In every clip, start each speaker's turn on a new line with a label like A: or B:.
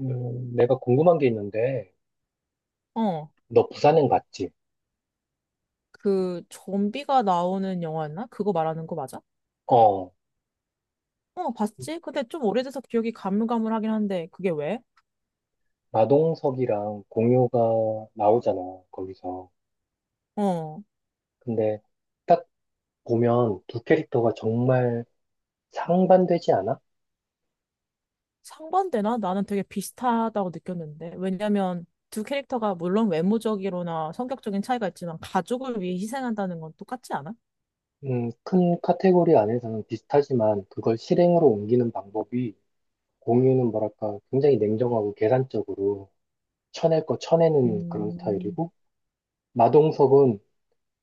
A: 내가 궁금한 게 있는데,
B: 어,
A: 너 부산행 봤지?
B: 그 좀비가 나오는 영화였나? 그거 말하는 거 맞아?
A: 어,
B: 어, 봤지? 근데 좀 오래돼서 기억이 가물가물하긴 한데 그게 왜?
A: 마동석이랑 공효가 나오잖아, 거기서.
B: 어,
A: 근데 딱 보면 두 캐릭터가 정말 상반되지 않아?
B: 상반되나? 나는 되게 비슷하다고 느꼈는데 왜냐면 두 캐릭터가 물론 외모적으로나 성격적인 차이가 있지만 가족을 위해 희생한다는 건 똑같지 않아?
A: 큰 카테고리 안에서는 비슷하지만 그걸 실행으로 옮기는 방법이 공유는 뭐랄까 굉장히 냉정하고 계산적으로 쳐낼 거 쳐내는 그런
B: 음.
A: 스타일이고, 마동석은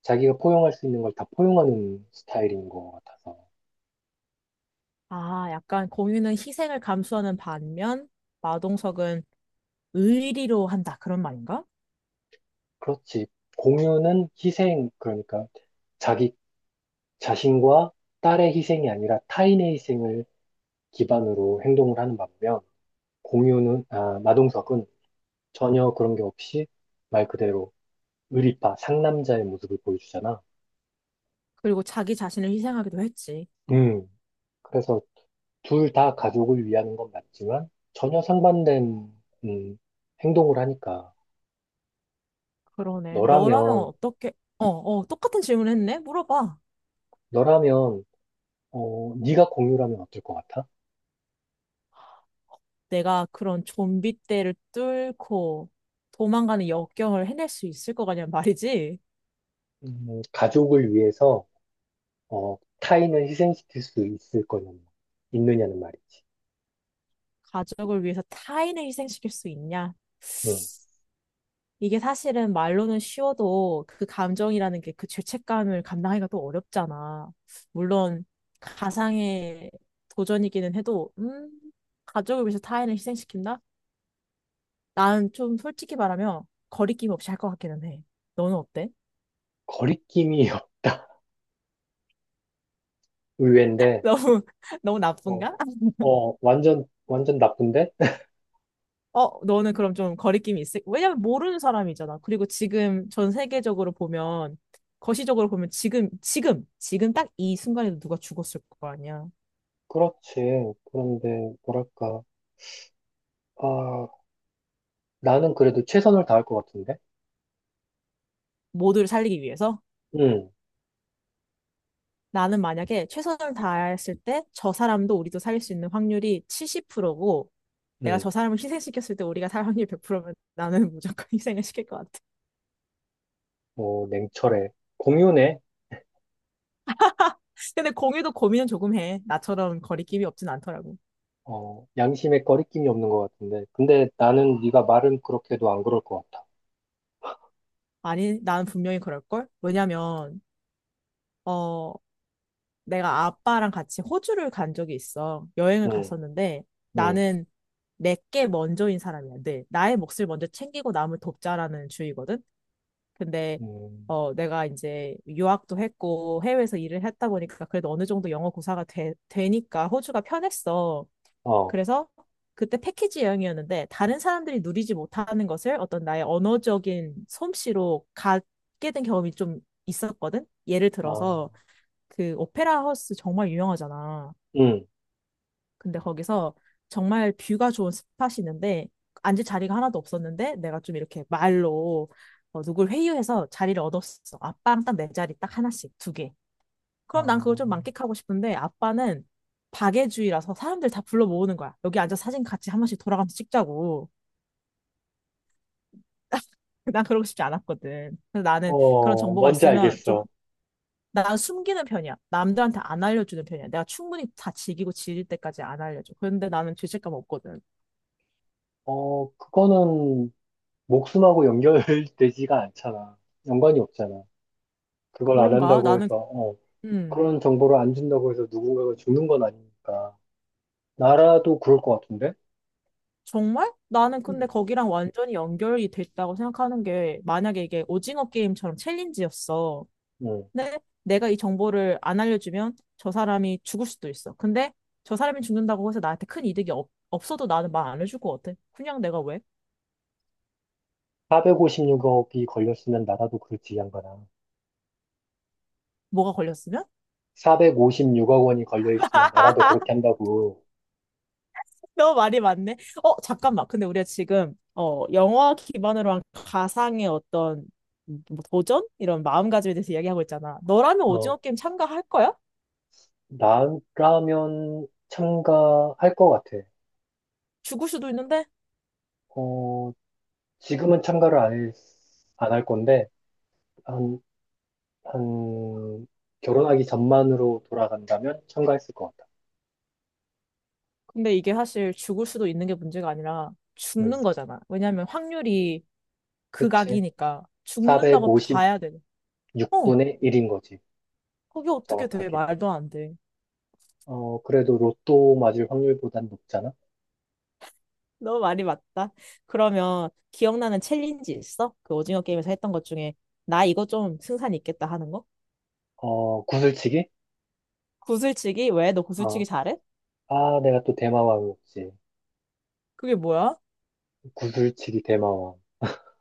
A: 자기가 포용할 수 있는 걸 다 포용하는 스타일인 것 같아서.
B: 아, 약간 공유는 희생을 감수하는 반면 마동석은 의리로 한다 그런 말인가?
A: 그렇지. 공유는 희생, 그러니까 자기 자신과 딸의 희생이 아니라 타인의 희생을 기반으로 행동을 하는 반면, 마동석은 전혀 그런 게 없이 말 그대로 의리파, 상남자의 모습을 보여주잖아.
B: 그리고 자기 자신을 희생하기도 했지.
A: 음, 그래서 둘 다 가족을 위하는 건 맞지만, 전혀 상반된, 음, 행동을 하니까,
B: 그러네. 너라면
A: 너라면,
B: 어떻게, 어, 어, 똑같은 질문 했네? 물어봐.
A: 너라면, 네가 공유라면 어떨 것 같아?
B: 내가 그런 좀비 떼를 뚫고 도망가는 역경을 해낼 수 있을 것 같냐 말이지.
A: 가족을 위해서 타인을 희생시킬 수 있을 거냐는 말, 있느냐는 말이지.
B: 가족을 위해서 타인을 희생시킬 수 있냐?
A: 응.
B: 이게 사실은 말로는 쉬워도 그 감정이라는 게 그 죄책감을 감당하기가 또 어렵잖아. 물론 가상의 도전이기는 해도, 가족을 위해서 타인을 희생시킨다? 나는 좀 솔직히 말하면 거리낌 없이 할 것 같기는 해. 너는 어때?
A: 거리낌이 의외인데,
B: 너무 너무
A: 어,
B: 나쁜가?
A: 완전, 완전 나쁜데?
B: 어, 너는 그럼 좀 거리낌이 있을? 왜냐면 모르는 사람이잖아. 그리고 지금 전 세계적으로 보면 거시적으로 보면 지금 딱 이 순간에도 누가 죽었을 거 아니야.
A: 그렇지. 그런데, 뭐랄까. 아, 나는 그래도 최선을 다할 것 같은데?
B: 모두를 살리기 위해서.
A: 응,
B: 나는 만약에 최선을 다했을 때 저 사람도 우리도 살릴 수 있는 확률이 70%고 내가
A: 응.
B: 저 사람을 희생시켰을 때 우리가 살 확률이 100%면 나는 무조건 희생을 시킬 것 같아.
A: 어, 냉철해. 공유네.
B: 근데 공유도 고민은 조금 해. 나처럼 거리낌이 없진 않더라고.
A: 어, 양심에 거리낌이 없는 것 같은데. 근데 나는 네가 말은 그렇게 해도 안 그럴 것 같아.
B: 아니, 난 분명히 그럴걸? 왜냐면 어, 내가 아빠랑 같이 호주를 간 적이 있어. 여행을
A: 응,
B: 갔었는데
A: 응,
B: 나는 내게 먼저인 사람이야. 늘 나의 몫을 먼저 챙기고 남을 돕자라는 주의거든. 근데
A: 응.
B: 어, 내가 이제 유학도 했고 해외에서 일을 했다 보니까 그래도 어느 정도 영어 고사가 되니까 호주가 편했어.
A: 어,
B: 그래서 그때 패키지 여행이었는데 다른 사람들이 누리지 못하는 것을 어떤 나의 언어적인 솜씨로 갖게 된 경험이 좀 있었거든. 예를
A: 아,
B: 들어서 그 오페라 하우스 정말 유명하잖아.
A: 응.
B: 근데 거기서 정말 뷰가 좋은 스팟이 있는데 앉을 자리가 하나도 없었는데 내가 좀 이렇게 말로 어, 누굴 회유해서 자리를 얻었어. 아빠랑 딱 내 자리 딱 하나씩 두 개. 그럼 난 그걸
A: 아,
B: 좀 만끽하고 싶은데 아빠는 박애주의라서 사람들 다 불러 모으는 거야. 여기 앉아서 사진 같이 한 번씩 돌아가면서 찍자고. 난 그러고 싶지 않았거든. 그래서 나는 그런
A: 어,
B: 정보가
A: 뭔지
B: 있으면 좀
A: 알겠어.
B: 난 숨기는 편이야. 남들한테 안 알려주는 편이야. 내가 충분히 다 즐기고 지릴 때까지 안 알려줘. 그런데 나는 죄책감 없거든.
A: 어, 그거는 목숨하고 연결되지가 않잖아. 연관이 없잖아. 그걸 안
B: 그런가?
A: 한다고 해서,
B: 음,
A: 그런 정보를 안 준다고 해서 누군가가 죽는 건 아니니까. 나라도 그럴 것 같은데?
B: 정말? 나는 근데
A: 음.
B: 거기랑 완전히 연결이 됐다고 생각하는 게, 만약에 이게 오징어 게임처럼 챌린지였어.
A: 응.
B: 근데 내가 이 정보를 안 알려주면 저 사람이 죽을 수도 있어. 근데 저 사람이 죽는다고 해서 나한테 큰 이득이 없어도 나는 말 안 해줄 것 같아. 그냥 내가 왜?
A: 백 456억이 걸렸으면 나라도 그렇지, 이 양반아.
B: 뭐가 걸렸으면?
A: 456억 원이 걸려있으면 나라도 그렇게 한다고.
B: 너무 말이 많네. 어, 잠깐만. 근데 우리가 지금 어, 영화 기반으로 한 가상의 어떤 뭐 도전? 이런 마음가짐에 대해서 이야기하고 있잖아. 너라면 오징어
A: 어,
B: 게임 참가할 거야?
A: 나라면 참가할 것 같아.
B: 죽을 수도 있는데?
A: 어, 지금은 참가를 안 할 건데, 한 한 결혼하기 전만으로 돌아간다면 참가했을 것 같아.
B: 근데 이게 사실 죽을 수도 있는 게 문제가 아니라
A: 음,
B: 죽는 거잖아. 왜냐하면 확률이
A: 그치.
B: 극악이니까 죽는다고 봐야 돼.
A: 456분의
B: 어,
A: 1인 거지.
B: 그게 어떻게 돼?
A: 정확하게.
B: 말도 안 돼.
A: 어, 그래도 로또 맞을 확률보단 높잖아.
B: 너무 말이 맞다. 그러면 기억나는 챌린지 있어? 그 오징어 게임에서 했던 것 중에 나 이거 좀 승산이 있겠다 하는 거?
A: 어, 구슬치기?
B: 구슬치기? 왜? 너
A: 어,
B: 구슬치기 잘해?
A: 내가 또 대마왕이었지.
B: 그게 뭐야?
A: 구슬치기 대마왕.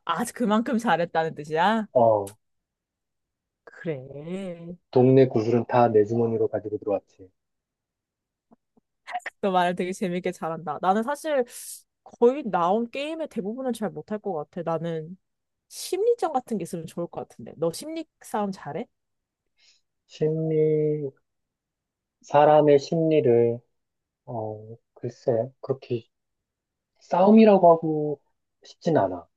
B: 아, 그만큼 잘했다는 뜻이야?
A: 어,
B: 그래.
A: 동네 구슬은 다 내 주머니로 가지고 들어왔지.
B: 너 말을 되게 재밌게 잘한다. 나는 사실 거의 나온 게임의 대부분은 잘 못할 것 같아. 나는 심리전 같은 게 있으면 좋을 것 같은데. 너 심리 싸움 잘해?
A: 심리, 사람의 심리를, 글쎄, 그렇게 싸움이라고 하고 싶진 않아.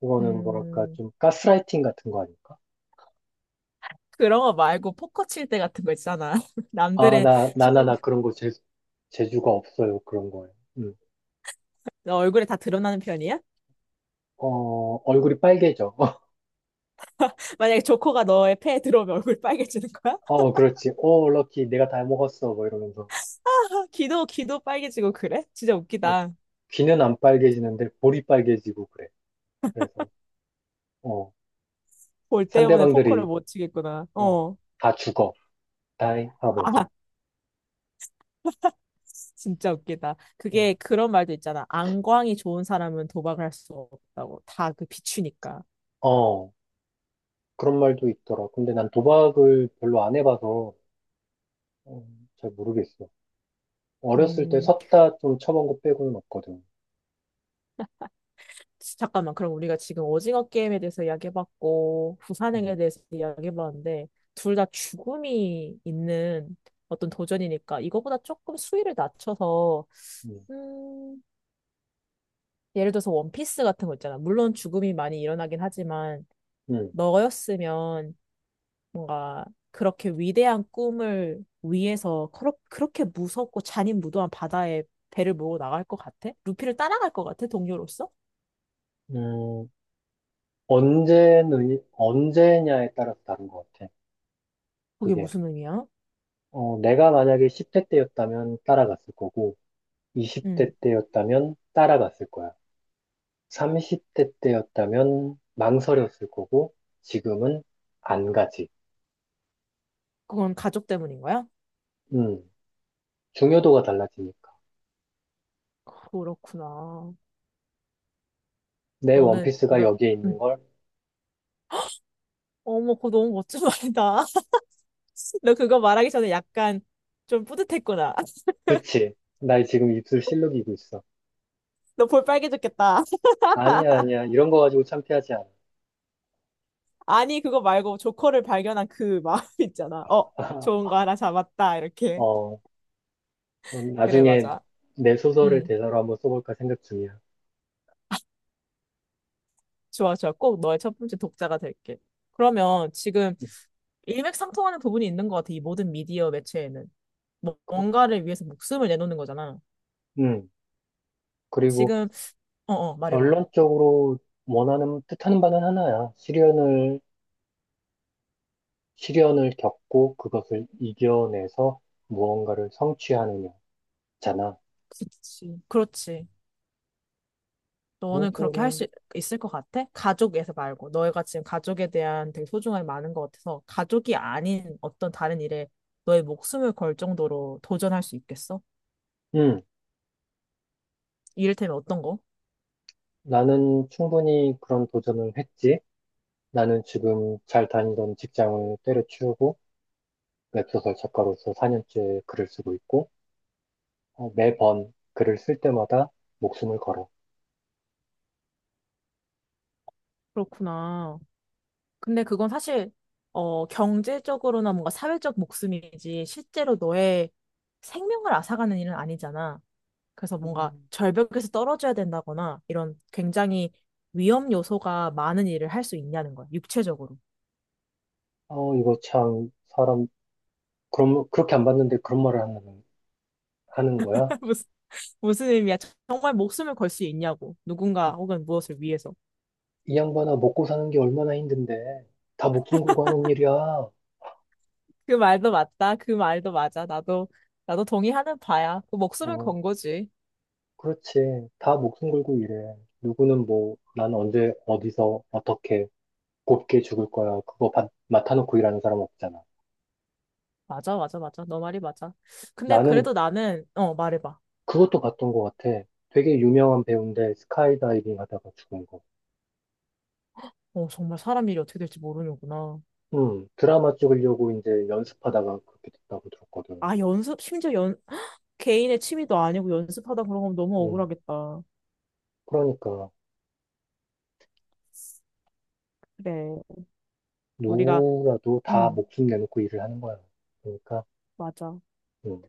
A: 그거는 뭐랄까,
B: 음,
A: 좀 가스라이팅 같은 거 아닐까?
B: 그런 거 말고 포커 칠 때 같은 거 있잖아.
A: 아,
B: 남들의
A: 나, 나나,
B: 심리,
A: 나 그런 거 재주가 없어요. 그런 거예요. 음.
B: 너 얼굴에 다 드러나는 편이야?
A: 어, 얼굴이 빨개져.
B: 만약에 조커가 너의 패에 들어오면 얼굴 빨개지는 거야?
A: 어, 그렇지. 어, 럭키, 내가 다 먹었어. 뭐 이러면서.
B: 귀도 빨개지고 그래? 진짜
A: 어,
B: 웃기다.
A: 귀는 안 빨개지는데 볼이 빨개지고 그래. 그래서, 어,
B: 볼 때문에 포커를
A: 상대방들이,
B: 못 치겠구나.
A: 어,
B: 어.
A: 다 죽어. 다이
B: 아,
A: 하면서.
B: 진짜 웃기다. 그게 그런 말도 있잖아. 안광이 좋은 사람은 도박을 할 수 없다고. 다 그 비추니까.
A: 어, 어, 그런 말도 있더라. 근데 난 도박을 별로 안 해봐서, 어, 잘 모르겠어. 어렸을 때
B: 음,
A: 섰다 좀 쳐본 거 빼고는 없거든.
B: 잠깐만. 그럼 우리가 지금 오징어 게임에 대해서 이야기해봤고,
A: 음,
B: 부산행에 대해서 이야기해봤는데, 둘 다 죽음이 있는 어떤 도전이니까, 이거보다 조금 수위를 낮춰서,
A: 음.
B: 음, 예를 들어서 원피스 같은 거 있잖아. 물론 죽음이 많이 일어나긴 하지만,
A: 음,
B: 너였으면 뭔가 그렇게 위대한 꿈을 위해서 그렇게 무섭고 잔인무도한 바다에 배를 몰고 나갈 것 같아? 루피를 따라갈 것 같아? 동료로서?
A: 음, 언제, 언제냐에 따라서 다른 것 같아.
B: 그게
A: 그게.
B: 무슨 의미야?
A: 어, 내가 만약에 10대 때였다면 따라갔을 거고, 20대
B: 음,
A: 때였다면 따라갔을 거야. 30대 때였다면 망설였을 거고, 지금은 안 가지.
B: 그건 가족 때문인 거야?
A: 음, 중요도가 달라지니까.
B: 그렇구나.
A: 내
B: 너는
A: 원피스가
B: 이런,
A: 여기에 있는
B: 음,
A: 걸,
B: 어머, 그거 너무 멋진 말이다. 너 그거 말하기 전에 약간 좀 뿌듯했구나.
A: 그치. 나 지금 입술 실룩이고 있어.
B: 너 볼 빨개졌겠다.
A: 아니야, 아니야. 이런 거 가지고 창피하지 않아.
B: 아니, 그거 말고 조커를 발견한 그 마음 있잖아. 어, 좋은 거 하나 잡았다. 이렇게.
A: 어,
B: 그래,
A: 나중에
B: 맞아.
A: 내 소설을
B: 음.
A: 대사로 한번 써볼까 생각 중이야.
B: 좋아, 좋아. 꼭 너의 첫 번째 독자가 될게. 그러면 지금 일맥상통하는 부분이 있는 것 같아. 이 모든 미디어 매체에는.
A: 그-
B: 뭔가를 위해서 목숨을 내놓는 거잖아.
A: 음, 그리고
B: 지금, 어, 어, 말해봐.
A: 결론적으로 뜻하는 바는 하나야. 시련을 겪고 그것을 이겨내서 무언가를 성취하느냐잖아.
B: 그렇지. 그렇지. 너는 그렇게 할
A: 결론적으로는,
B: 수 있을 것 같아? 가족에서 말고. 너희가 지금 가족에 대한 되게 소중함이 많은 것 같아서 가족이 아닌 어떤 다른 일에 너의 목숨을 걸 정도로 도전할 수 있겠어?
A: 음,
B: 이를테면 어떤 거?
A: 나는 충분히 그런 도전을 했지. 나는 지금 잘 다니던 직장을 때려치우고 웹소설 작가로서 4년째 글을 쓰고 있고, 어, 매번 글을 쓸 때마다 목숨을 걸어.
B: 그렇구나. 근데 그건 사실 어 경제적으로나 뭔가 사회적 목숨이지 실제로 너의 생명을 앗아가는 일은 아니잖아. 그래서 뭔가
A: 음.
B: 절벽에서 떨어져야 된다거나 이런 굉장히 위험 요소가 많은 일을 할 수 있냐는 거야. 육체적으로.
A: 어, 이거 참, 사람, 그럼, 그렇게 안 봤는데 그런 말을 하는 거야?
B: 무슨 무슨 의미야? 정말 목숨을 걸 수 있냐고. 누군가 혹은 무엇을 위해서.
A: 이 양반아, 먹고 사는 게 얼마나 힘든데. 다 목숨 걸고 하는 일이야.
B: 그 말도 맞다. 그 말도 맞아. 나도 동의하는 바야. 그 목숨을
A: 어,
B: 건 거지.
A: 그렇지. 다 목숨 걸고 일해. 누구는 뭐, 난 언제, 어디서, 어떻게, 곱게 죽을 거야. 맡아놓고 일하는 사람 없잖아.
B: 맞아, 맞아, 맞아. 너 말이 맞아. 근데
A: 나는
B: 그래도 나는 어 말해봐.
A: 그것도 봤던 것 같아. 되게 유명한 배우인데, 스카이다이빙 하다가 죽은 거.
B: 어, 정말 사람 일이 어떻게 될지 모르는구나.
A: 드라마 찍으려고 이제 연습하다가 그렇게 됐다고 들었거든.
B: 아, 연습, 심지어 연, 개인의 취미도 아니고 연습하다 그런 거면 너무
A: 음,
B: 억울하겠다.
A: 그러니까.
B: 그래. 우리가,
A: 누구라도 다
B: 음,
A: 목숨 내놓고 일을 하는 거야. 그러니까,
B: 맞아.
A: 음,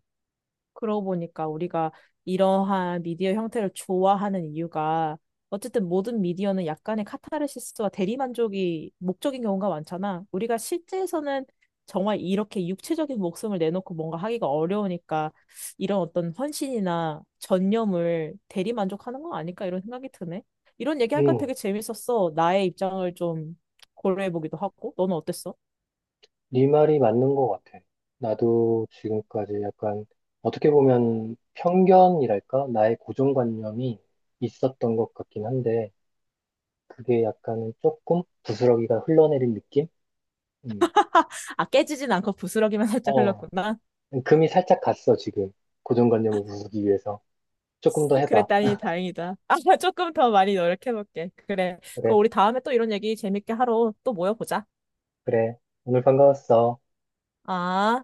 B: 그러고 보니까 우리가 이러한 미디어 형태를 좋아하는 이유가 어쨌든 모든 미디어는 약간의 카타르시스와 대리만족이 목적인 경우가 많잖아. 우리가 실제에서는 정말 이렇게 육체적인 목숨을 내놓고 뭔가 하기가 어려우니까 이런 어떤 헌신이나 전념을 대리만족하는 거 아닐까 이런 생각이 드네. 이런 얘기할까
A: 음,
B: 되게 재밌었어. 나의 입장을 좀 고려해보기도 하고. 너는 어땠어?
A: 네 말이 맞는 것 같아. 나도 지금까지 약간 어떻게 보면 편견이랄까? 나의 고정관념이 있었던 것 같긴 한데, 그게 약간은 조금 부스러기가 흘러내린 느낌? 음,
B: 아, 깨지진 않고 부스러기만 살짝
A: 어,
B: 흘렀구나.
A: 금이 살짝 갔어, 지금. 고정관념을 부수기 위해서. 조금 더 해봐.
B: 그랬다니 다행이다. 아, 조금 더 많이 노력해볼게. 그래.
A: 그래,
B: 그럼 우리 다음에 또 이런 얘기 재밌게 하러 또 모여보자.
A: 그래. 오늘 반가웠어.
B: 아.